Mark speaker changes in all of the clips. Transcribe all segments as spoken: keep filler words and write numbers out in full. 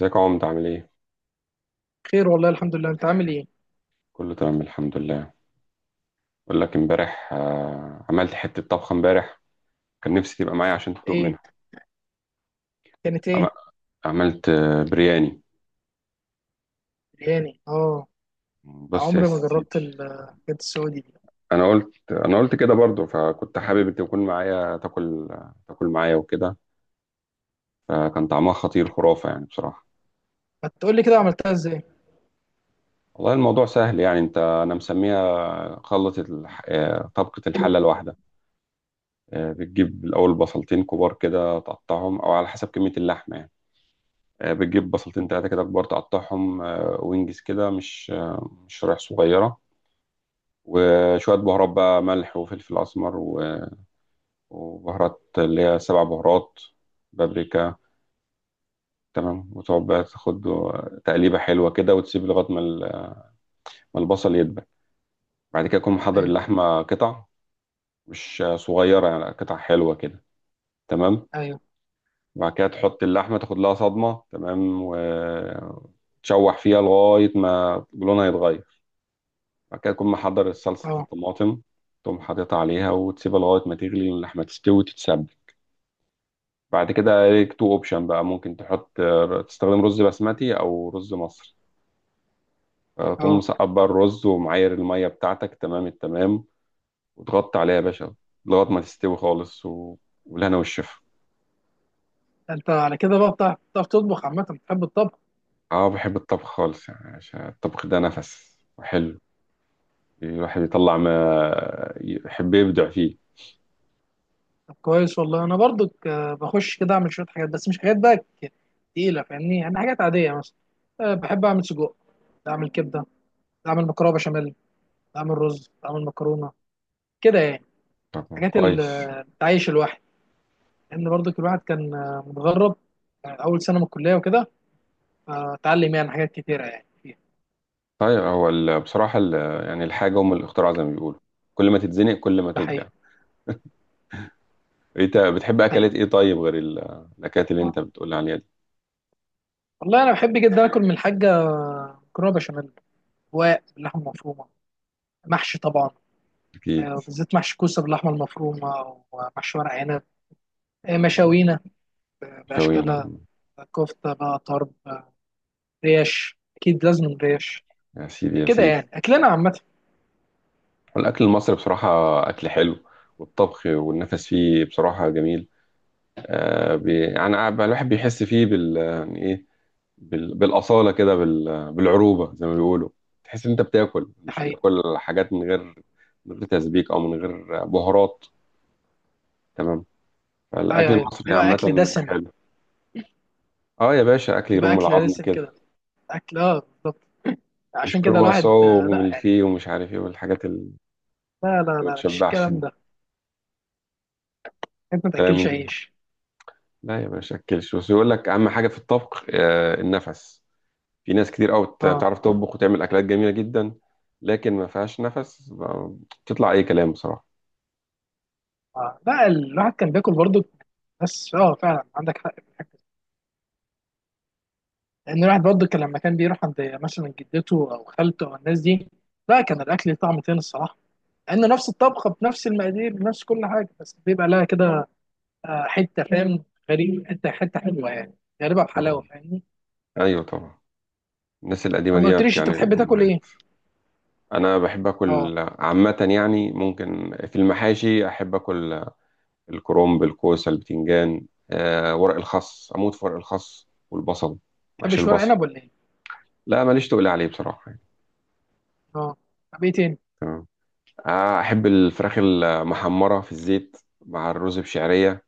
Speaker 1: ازيك يا عمد، عامل ايه؟
Speaker 2: خير والله، الحمد لله. انت عامل ايه؟
Speaker 1: كله تمام الحمد لله. بقول لك امبارح، آه، عملت حتة طبخة امبارح. كان نفسي تبقى معايا عشان تدوق
Speaker 2: ايه؟
Speaker 1: منها.
Speaker 2: كانت
Speaker 1: عم-
Speaker 2: ايه؟
Speaker 1: عملت آه، برياني.
Speaker 2: برياني، اه.
Speaker 1: بص يا
Speaker 2: عمري ما
Speaker 1: سيدي.
Speaker 2: جربت الحاجات السعودي دي.
Speaker 1: انا قلت انا قلت كده برضو، فكنت حابب انت تكون معايا تاكل، تاكل معايا وكده. فكان طعمها خطير، خرافة يعني بصراحة.
Speaker 2: ما تقول لي كده عملتها ازاي.
Speaker 1: والله الموضوع سهل، يعني انت انا مسميها خلطة الح... آه، طبقة الحلة الواحدة. آه، بتجيب الاول بصلتين كبار كده، تقطعهم او على حسب كمية اللحمة يعني. آه، بتجيب بصلتين تلاتة كده كبار، تقطعهم آه، وينجز كده، مش آه، مش شرايح صغيرة. وشوية بهارات بقى، ملح وفلفل أسمر و- وبهارات اللي هي سبع بهارات، بابريكا. تمام. وتقعد بقى تاخد تقليبة حلوة كده، وتسيب لغاية ما ال- ما البصل يدبل. بعد كده تكون محضر
Speaker 2: ايوه.
Speaker 1: اللحمة قطع، مش صغيرة يعني، قطع حلوة كده. تمام.
Speaker 2: ايوه.
Speaker 1: وبعد كده تحط اللحمة، تاخد لها صدمة تمام، وتشوح فيها لغاية ما لونها يتغير. بعد كده تكون محضر صلصة
Speaker 2: اه.
Speaker 1: الطماطم، تقوم حاططها عليها وتسيبها لغاية ما تغلي اللحمة تستوي وتتسبك. بعد كده ليك تو اوبشن بقى، ممكن تحط، تستخدم رز بسمتي أو رز مصري. آه،
Speaker 2: اه.
Speaker 1: تقوم مصبر الرز ومعاير المية بتاعتك تمام التمام، وتغطي عليها يا باشا لغاية ما تستوي خالص و... والهنا والشفا.
Speaker 2: انت على كده بقى بتعرف بتعرف تطبخ عامه، بتحب الطبخ؟
Speaker 1: اه بحب الطبخ خالص يعني، عشان الطبخ ده نفس وحلو، الواحد يطلع ما يحب يبدع فيه.
Speaker 2: طب كويس والله. انا برضو ك- بخش كده اعمل شويه حاجات، بس مش حاجات بقى ك- تقيله، فاهمني؟ يعني حاجات عاديه مثلا. أه بحب اعمل سجق، اعمل كبده، اعمل مكرونه بشاميل، اعمل رز، اعمل مكرونه، كده يعني.
Speaker 1: طب
Speaker 2: حاجات
Speaker 1: كويس.
Speaker 2: التعيش الواحد، لان برضه الواحد كان آه، متغرب. آه، اول سنه من الكليه وكده. آه، اتعلم يعني حاجات كتيره يعني فيها.
Speaker 1: طيب هو ال- بصراحة ال- يعني الحاجة أم الاختراع زي ما بيقولوا، كل ما تتزنق كل ما
Speaker 2: ده
Speaker 1: تبدع.
Speaker 2: حقيقي.
Speaker 1: أنت بتحب
Speaker 2: حقيقي.
Speaker 1: أكلات إيه طيب، غير ال- الأكلات اللي أنت بتقول عليها دي؟
Speaker 2: والله انا بحب جدا اكل من الحاجه مكرونه بشاميل، رواق باللحمه المفرومه، محشي طبعا.
Speaker 1: أكيد.
Speaker 2: آه، بالذات محشي كوسه باللحمه المفرومه ومحشي ورق عنب. آه،
Speaker 1: آه،
Speaker 2: مشاوينا
Speaker 1: شوينا
Speaker 2: باشكالها.
Speaker 1: م-
Speaker 2: آه، كفته بقى طرب. آه، ريش، اكيد لازم ريش.
Speaker 1: يا سيدي يا
Speaker 2: كده
Speaker 1: سيدي.
Speaker 2: يعني اكلنا عامه.
Speaker 1: والأكل المصري بصراحة أكل حلو، والطبخ والنفس فيه بصراحة جميل. آه بي يعني قاعد- الواحد بيحس فيه بال، يعني إيه، بال بالأصالة كده، بال بالعروبة زي ما بيقولوا. تحس إن أنت بتاكل،
Speaker 2: ده
Speaker 1: مش
Speaker 2: حقيقي.
Speaker 1: بتاكل حاجات من غير من غير تسبيك أو من غير بهارات. تمام. الأكل
Speaker 2: ايوه، ايوه،
Speaker 1: المصري
Speaker 2: يبقى
Speaker 1: عامة
Speaker 2: اكل
Speaker 1: بيبقى
Speaker 2: دسم.
Speaker 1: حلو. اه يا باشا، أكل
Speaker 2: يبقى
Speaker 1: يرم
Speaker 2: اكل
Speaker 1: العظم
Speaker 2: دسم
Speaker 1: كده.
Speaker 2: كده، اكل اه بالظبط.
Speaker 1: مش
Speaker 2: عشان كده
Speaker 1: كرواسون
Speaker 2: الواحد آه، لا يعني.
Speaker 1: وملفيه ومش عارف ايه، والحاجات اللي
Speaker 2: لا لا
Speaker 1: ما
Speaker 2: لا، مش
Speaker 1: تشبعش دي.
Speaker 2: الكلام ده. انت ما
Speaker 1: كلام
Speaker 2: تاكلش
Speaker 1: جميل.
Speaker 2: عيش.
Speaker 1: لا يا باشا أكلش بس، يقول لك أهم حاجة في الطبخ آه النفس. في ناس كتير قوي بت-
Speaker 2: اه.
Speaker 1: بتعرف تطبخ وتعمل أكلات جميلة جدا، لكن ما فيهاش نفس، ب- بتطلع أي كلام بصراحة.
Speaker 2: اه. لا الواحد كان بياكل برضه، بس اه فعلا عندك حق في الحتة دي. لان الواحد برضه كان لما كان بيروح عند مثلا جدته او خالته او الناس دي، لا كان الاكل ليه طعم تاني الصراحه. لان نفس الطبخه بنفس المقادير بنفس كل حاجه، بس بيبقى لها كده آه، حته، فاهم؟ غريب، حته حته حلوه يعني، غريبه
Speaker 1: آه.
Speaker 2: بحلاوه، فاهمني؟
Speaker 1: أيوه طبعا. الناس القديمة
Speaker 2: طب ما
Speaker 1: ديت
Speaker 2: قلتليش انت
Speaker 1: يعني
Speaker 2: بتحب تاكل
Speaker 1: الأمهات.
Speaker 2: ايه؟
Speaker 1: أنا بحب
Speaker 2: اه.
Speaker 1: آكل عامة يعني، ممكن في المحاشي أحب آكل الكرنب، الكوسة، البتنجان، آه ورق الخس، أموت في ورق الخس والبصل، محشي
Speaker 2: بتحبش ورق
Speaker 1: البصل.
Speaker 2: عنب ولا ايه؟
Speaker 1: لا ماليش تقول عليه بصراحة يعني.
Speaker 2: اه. طب ايه تاني؟
Speaker 1: تمام. آه أحب الفراخ المحمرة في الزيت مع الرز بشعرية،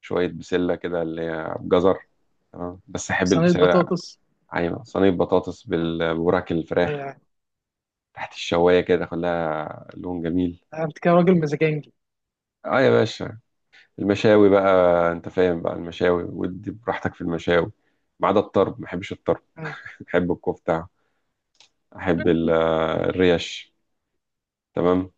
Speaker 1: شوية بسلة كده اللي هي بجزر. تمام بس أحب
Speaker 2: صينيه
Speaker 1: البسلة.
Speaker 2: بطاطس.
Speaker 1: أيوة صينية بطاطس، بال- بوراك الفراخ
Speaker 2: ايوه.
Speaker 1: تحت الشواية كده كلها لون جميل.
Speaker 2: انت كده راجل مزاجنجي.
Speaker 1: اه يا باشا، المشاوي بقى، انت فاهم بقى المشاوي، ودي براحتك في المشاوي. ما عدا الطرب، ما بحبش الطرب.
Speaker 2: أيوة.
Speaker 1: بحب الكفتة، احب ال- الريش. تمام.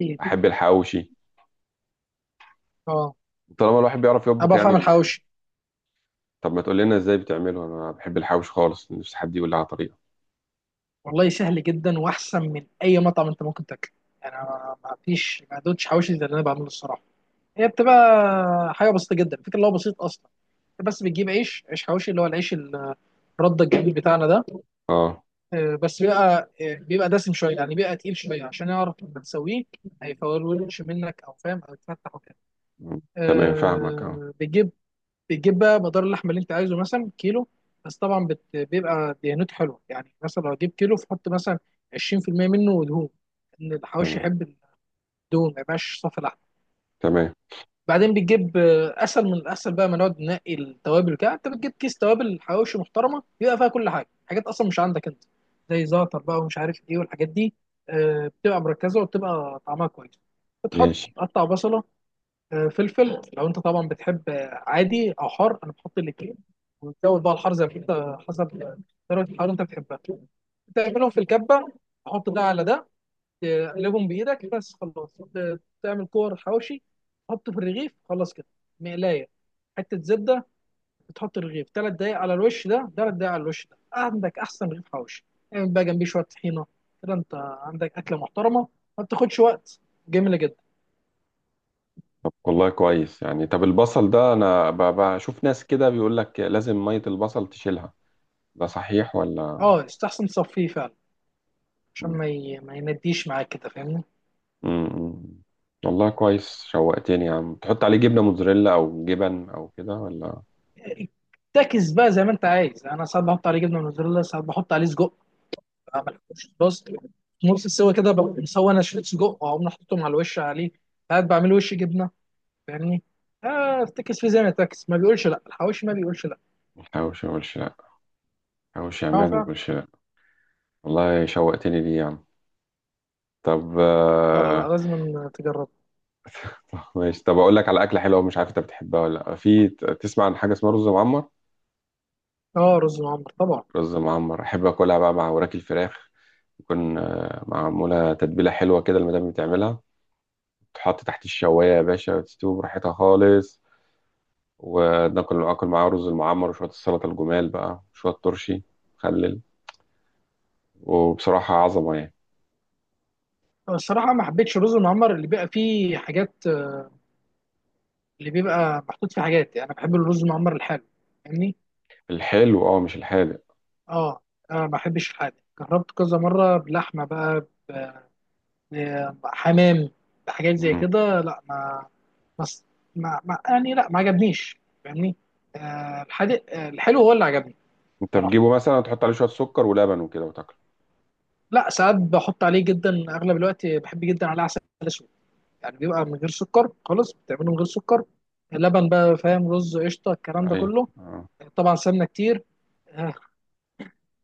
Speaker 2: كتير.
Speaker 1: احب الحواوشي،
Speaker 2: اه
Speaker 1: طالما الواحد بيعرف
Speaker 2: انا
Speaker 1: يطبخ
Speaker 2: بعرف
Speaker 1: يعني.
Speaker 2: اعمل حواوشي.
Speaker 1: طب ما تقول لنا ازاي بتعمله؟ انا بحب الحواوشي خالص، نفسي حد يقول لي على طريقه.
Speaker 2: والله سهل جدا، واحسن من اي مطعم انت ممكن تاكله. يعني انا ما فيش ما دوتش حواوشي زي اللي انا بعمله الصراحه. هي بتبقى حاجه بسيطه جدا، الفكره اللي هو بسيط اصلا. انت بس بتجيب عيش، عيش حواوشي اللي هو العيش ال- الرده الجديد بتاعنا ده.
Speaker 1: اه.
Speaker 2: آه، بس بيبقى آه، بيبقى دسم شويه يعني، بيبقى تقيل شويه عشان يعرف لما تسويه هيفولش منك، او فاهم، او يتفتح وكده.
Speaker 1: م. تمام فاهمك اه.
Speaker 2: آه، بتجيب بتجيب بقى مدار اللحمه اللي انت عايزه، مثلا كيلو. بس طبعا بت... بيبقى دهنته حلوه يعني، مثلا لو هتجيب كيلو فحط مثلا عشرين في المية منه دهون، ان الحواوشي
Speaker 1: تمام.
Speaker 2: يحب الدهون، ما يبقاش صافي لحم.
Speaker 1: تمام.
Speaker 2: بعدين بتجيب آه، اسهل من الاسهل بقى ما نقعد ننقي التوابل، كده انت بتجيب كيس توابل حواوشي محترمه، بيبقى فيها كل حاجه، حاجات اصلا مش عندك انت زي زعتر بقى ومش عارف ايه والحاجات دي. آه، بتبقى مركزه وبتبقى طعمها كويس. بتحط
Speaker 1: ماشي.
Speaker 2: تقطع بصله، آه، فلفل، لو انت طبعا بتحب آه، عادي او حار، انا بحط الاثنين. وتزود بقى الحار زي ما انت حسب درجه الحراره اللي انت بتحبها. تعملهم في الكبه، تحط ده على ده، تقلبهم بايدك بس خلاص. ت- تعمل كور حواوشي، تحطه في الرغيف خلاص كده. مقلايه، حته زبده. بتحط الرغيف ثلاث دقايق على الوش ده، ثلاث دقايق على الوش ده، عندك احسن رغيف حواوشي. اعمل بقى جنبيه شويه طحينه، كده انت عندك اكله محترمه، ما بتاخدش وقت، جميله جدا.
Speaker 1: طب والله كويس يعني. طب البصل ده، انا ب- بشوف ناس كده بيقول لك لازم ميه البصل تشيلها، ده صحيح ولا؟
Speaker 2: اه يستحسن تصفيه فعلا عشان
Speaker 1: م.
Speaker 2: ما ي... ما ينديش معاك كده، فاهمني؟
Speaker 1: م- م. والله كويس شوقتني يا عم، تحط عليه جبنه موتزاريلا او جبن او كده ولا؟
Speaker 2: تاكس بقى زي ما انت عايز، انا ساعات بحط عليه جبنه موتزاريلا، ساعات بحط عليه سجق. بعمل بس نص السوا كده، ببقى مسوي انا شريط سجق واقوم حاططهم على الوش عليه. ساعات بعمل وش جبنه، فاهمني؟ اه، افتكس في زي ما تاكس ما بيقولش لا، الحواوشي ما بيقولش لا.
Speaker 1: حواوشي ولا، حواوشي يا
Speaker 2: اه
Speaker 1: عماد ما
Speaker 2: فعلا.
Speaker 1: تقولش. والله شوقتني ليه يا عم. طب
Speaker 2: لا لا
Speaker 1: آه،
Speaker 2: لا، لازم تجرب.
Speaker 1: ماشي. طب اقول لك على اكله حلوه مش عارف انت بتحبها ولا لا، في ت- تسمع عن حاجه اسمها رز معمر؟
Speaker 2: اه رز معمر طبعا.
Speaker 1: رز معمر احب اكلها بقى مع وراك الفراخ، تكون آه، معموله تتبيله حلوه كده، المدام بتعملها، تحط تحت الشوايه يا باشا وتستوي براحتها خالص، وناكل اكل معاه رز المعمر وشويه السلطه، الجمال بقى شويه ترشي، مخلل، وبصراحه عظمه يعني.
Speaker 2: آه، الصراحه ما حبيتش الرز المعمر اللي بيبقى فيه حاجات، اللي بيبقى محطوط فيه حاجات. يعني انا بحب الرز المعمر الحلو، فاهمني؟
Speaker 1: الحلو اه، مش الحادق.
Speaker 2: اه. انا ما بحبش الحادق، جربت كذا مره بلحمه بقى ب- بحمام، بحاجات زي
Speaker 1: مم.
Speaker 2: كده. لا ما ما, ما, ما يعني، لا ما عجبنيش، فاهمني. آه الحادق، آه الحلو هو اللي عجبني.
Speaker 1: انت
Speaker 2: صراحه
Speaker 1: بتجيبه مثلا تحط عليه شويه سكر ولبن وكده وتاكله؟
Speaker 2: لا، ساعات بحط عليه جدا. اغلب الوقت بحب جدا عليه عسل اسود. يعني بيبقى من غير سكر خالص، بتعمله من غير سكر، لبن بقى، فاهم؟ رز، قشطه،
Speaker 1: اه
Speaker 2: الكلام ده
Speaker 1: ايوه.
Speaker 2: كله.
Speaker 1: آه.
Speaker 2: طبعا سمنه كتير. آه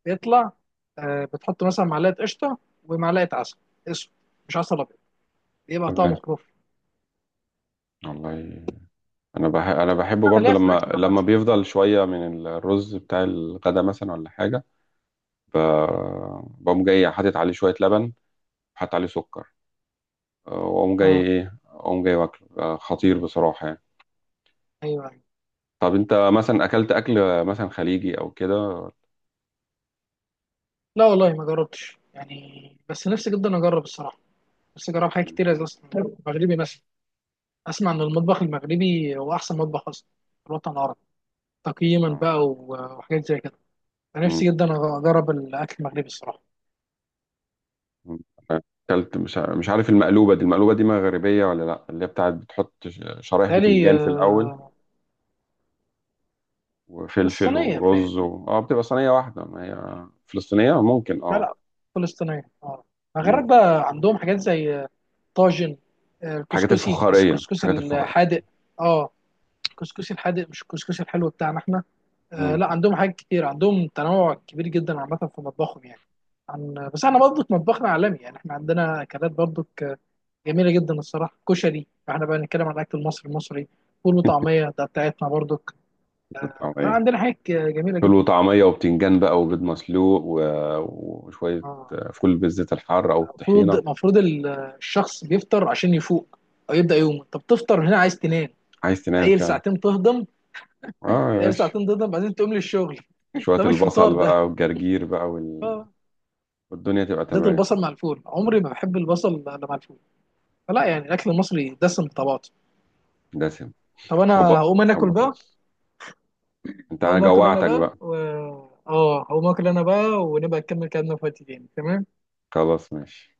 Speaker 2: بيطلع. آه بتحط مثلا معلقه قشطه ومعلقه عسل اسود، مش عسل أبيض. بيبقى طعمه
Speaker 1: تمام.
Speaker 2: خرافي.
Speaker 1: والله انا بح... انا بحبه
Speaker 2: انا
Speaker 1: برضو،
Speaker 2: ليا في الاكل
Speaker 1: لما
Speaker 2: عامه.
Speaker 1: لما بيفضل شويه من الرز بتاع الغدا مثلا ولا حاجه، ب... بقوم جاي حاطط عليه شويه لبن، حاطط عليه سكر، أه، واقوم جاي
Speaker 2: اه،
Speaker 1: ايه، اقوم جاي واكله أه، خطير بصراحه يعني.
Speaker 2: ايوه، ايوه.
Speaker 1: طب انت مثلا اكلت اكل مثلا خليجي او كده؟
Speaker 2: لا والله ما جربتش يعني، بس نفسي جدا اجرب الصراحه. نفسي اجرب حاجات
Speaker 1: مم.
Speaker 2: كتير زي اصلا مغربي مثلا. اسمع ان المطبخ المغربي هو احسن مطبخ اصلا في الوطن العربي، تقييما
Speaker 1: آه.
Speaker 2: بقى و- وحاجات زي كده. انا نفسي
Speaker 1: مم.
Speaker 2: جدا أج- اجرب الاكل المغربي الصراحه.
Speaker 1: مم. اكلت مش ع- مش عارف، المقلوبه دي، المقلوبه دي مغربيه ولا لا؟ اللي هي بتاعت بتحط ش- شرايح
Speaker 2: تالي.
Speaker 1: بتنجان في الاول، وفلفل
Speaker 2: فلسطينيه
Speaker 1: ورز
Speaker 2: بتهيألي.
Speaker 1: و... اه بتبقى صينية واحدة، ما هي فلسطينية ممكن
Speaker 2: لا
Speaker 1: اه.
Speaker 2: لا، فلسطينيه اه.
Speaker 1: مم.
Speaker 2: المغرب بقى عندهم حاجات زي آه، طاجن، آه،
Speaker 1: الحاجات
Speaker 2: الكسكسي، بس
Speaker 1: الفخارية
Speaker 2: الكسكسي
Speaker 1: الحاجات الفخارية.
Speaker 2: الحادق. اه الكسكسي الحادق مش الكسكسي الحلو بتاعنا احنا. آه
Speaker 1: مم.
Speaker 2: لا عندهم حاجات كتير، عندهم تنوع كبير جدا عامة في مطبخهم يعني. عن بس احنا برضك مطبخنا عالمي يعني، احنا عندنا اكلات برضك جميلة جدا الصراحة. كشري، احنا بقى نتكلم عن الاكل المصري المصري فول وطعمية ده بتاعتنا برضك.
Speaker 1: الطعمية.
Speaker 2: عندنا حاجات جميلة
Speaker 1: فول
Speaker 2: جدا.
Speaker 1: وطعمية وبتنجان بقى وبيض مسلوق و... وشوية
Speaker 2: آه،
Speaker 1: آه، فول بالزيت الحار أو
Speaker 2: المفروض
Speaker 1: الطحينة.
Speaker 2: المفروض ال- الشخص بيفطر عشان يفوق او يبدأ يومه. انت بتفطر هنا، عايز تنام،
Speaker 1: عايز تنام
Speaker 2: تقيل
Speaker 1: فعلا.
Speaker 2: ساعتين تهضم،
Speaker 1: اه يا
Speaker 2: تقيل
Speaker 1: باشا.
Speaker 2: ساعتين تهضم بعدين تقوم للشغل.
Speaker 1: شوية
Speaker 2: ده مش فطار
Speaker 1: البصل بقى
Speaker 2: ده.
Speaker 1: والجرجير بقى وال...
Speaker 2: آه،
Speaker 1: والدنيا تبقى
Speaker 2: زيت
Speaker 1: تمام.
Speaker 2: البصل مع الفول، عمري ما بحب البصل الا مع الفول. فلا يعني الاكل المصري دسم بطبعاته.
Speaker 1: دسم.
Speaker 2: طب
Speaker 1: شوية
Speaker 2: انا
Speaker 1: بق-
Speaker 2: هقوم انا
Speaker 1: شوية
Speaker 2: اكل بقى،
Speaker 1: بطاطس. انت انا
Speaker 2: هقوم اكل انا
Speaker 1: جوعتك
Speaker 2: بقى
Speaker 1: بقى.
Speaker 2: و... اه هقوم اكل انا بقى، ونبقى نكمل كلامنا في وقت تاني، تمام.
Speaker 1: خلاص ماشي.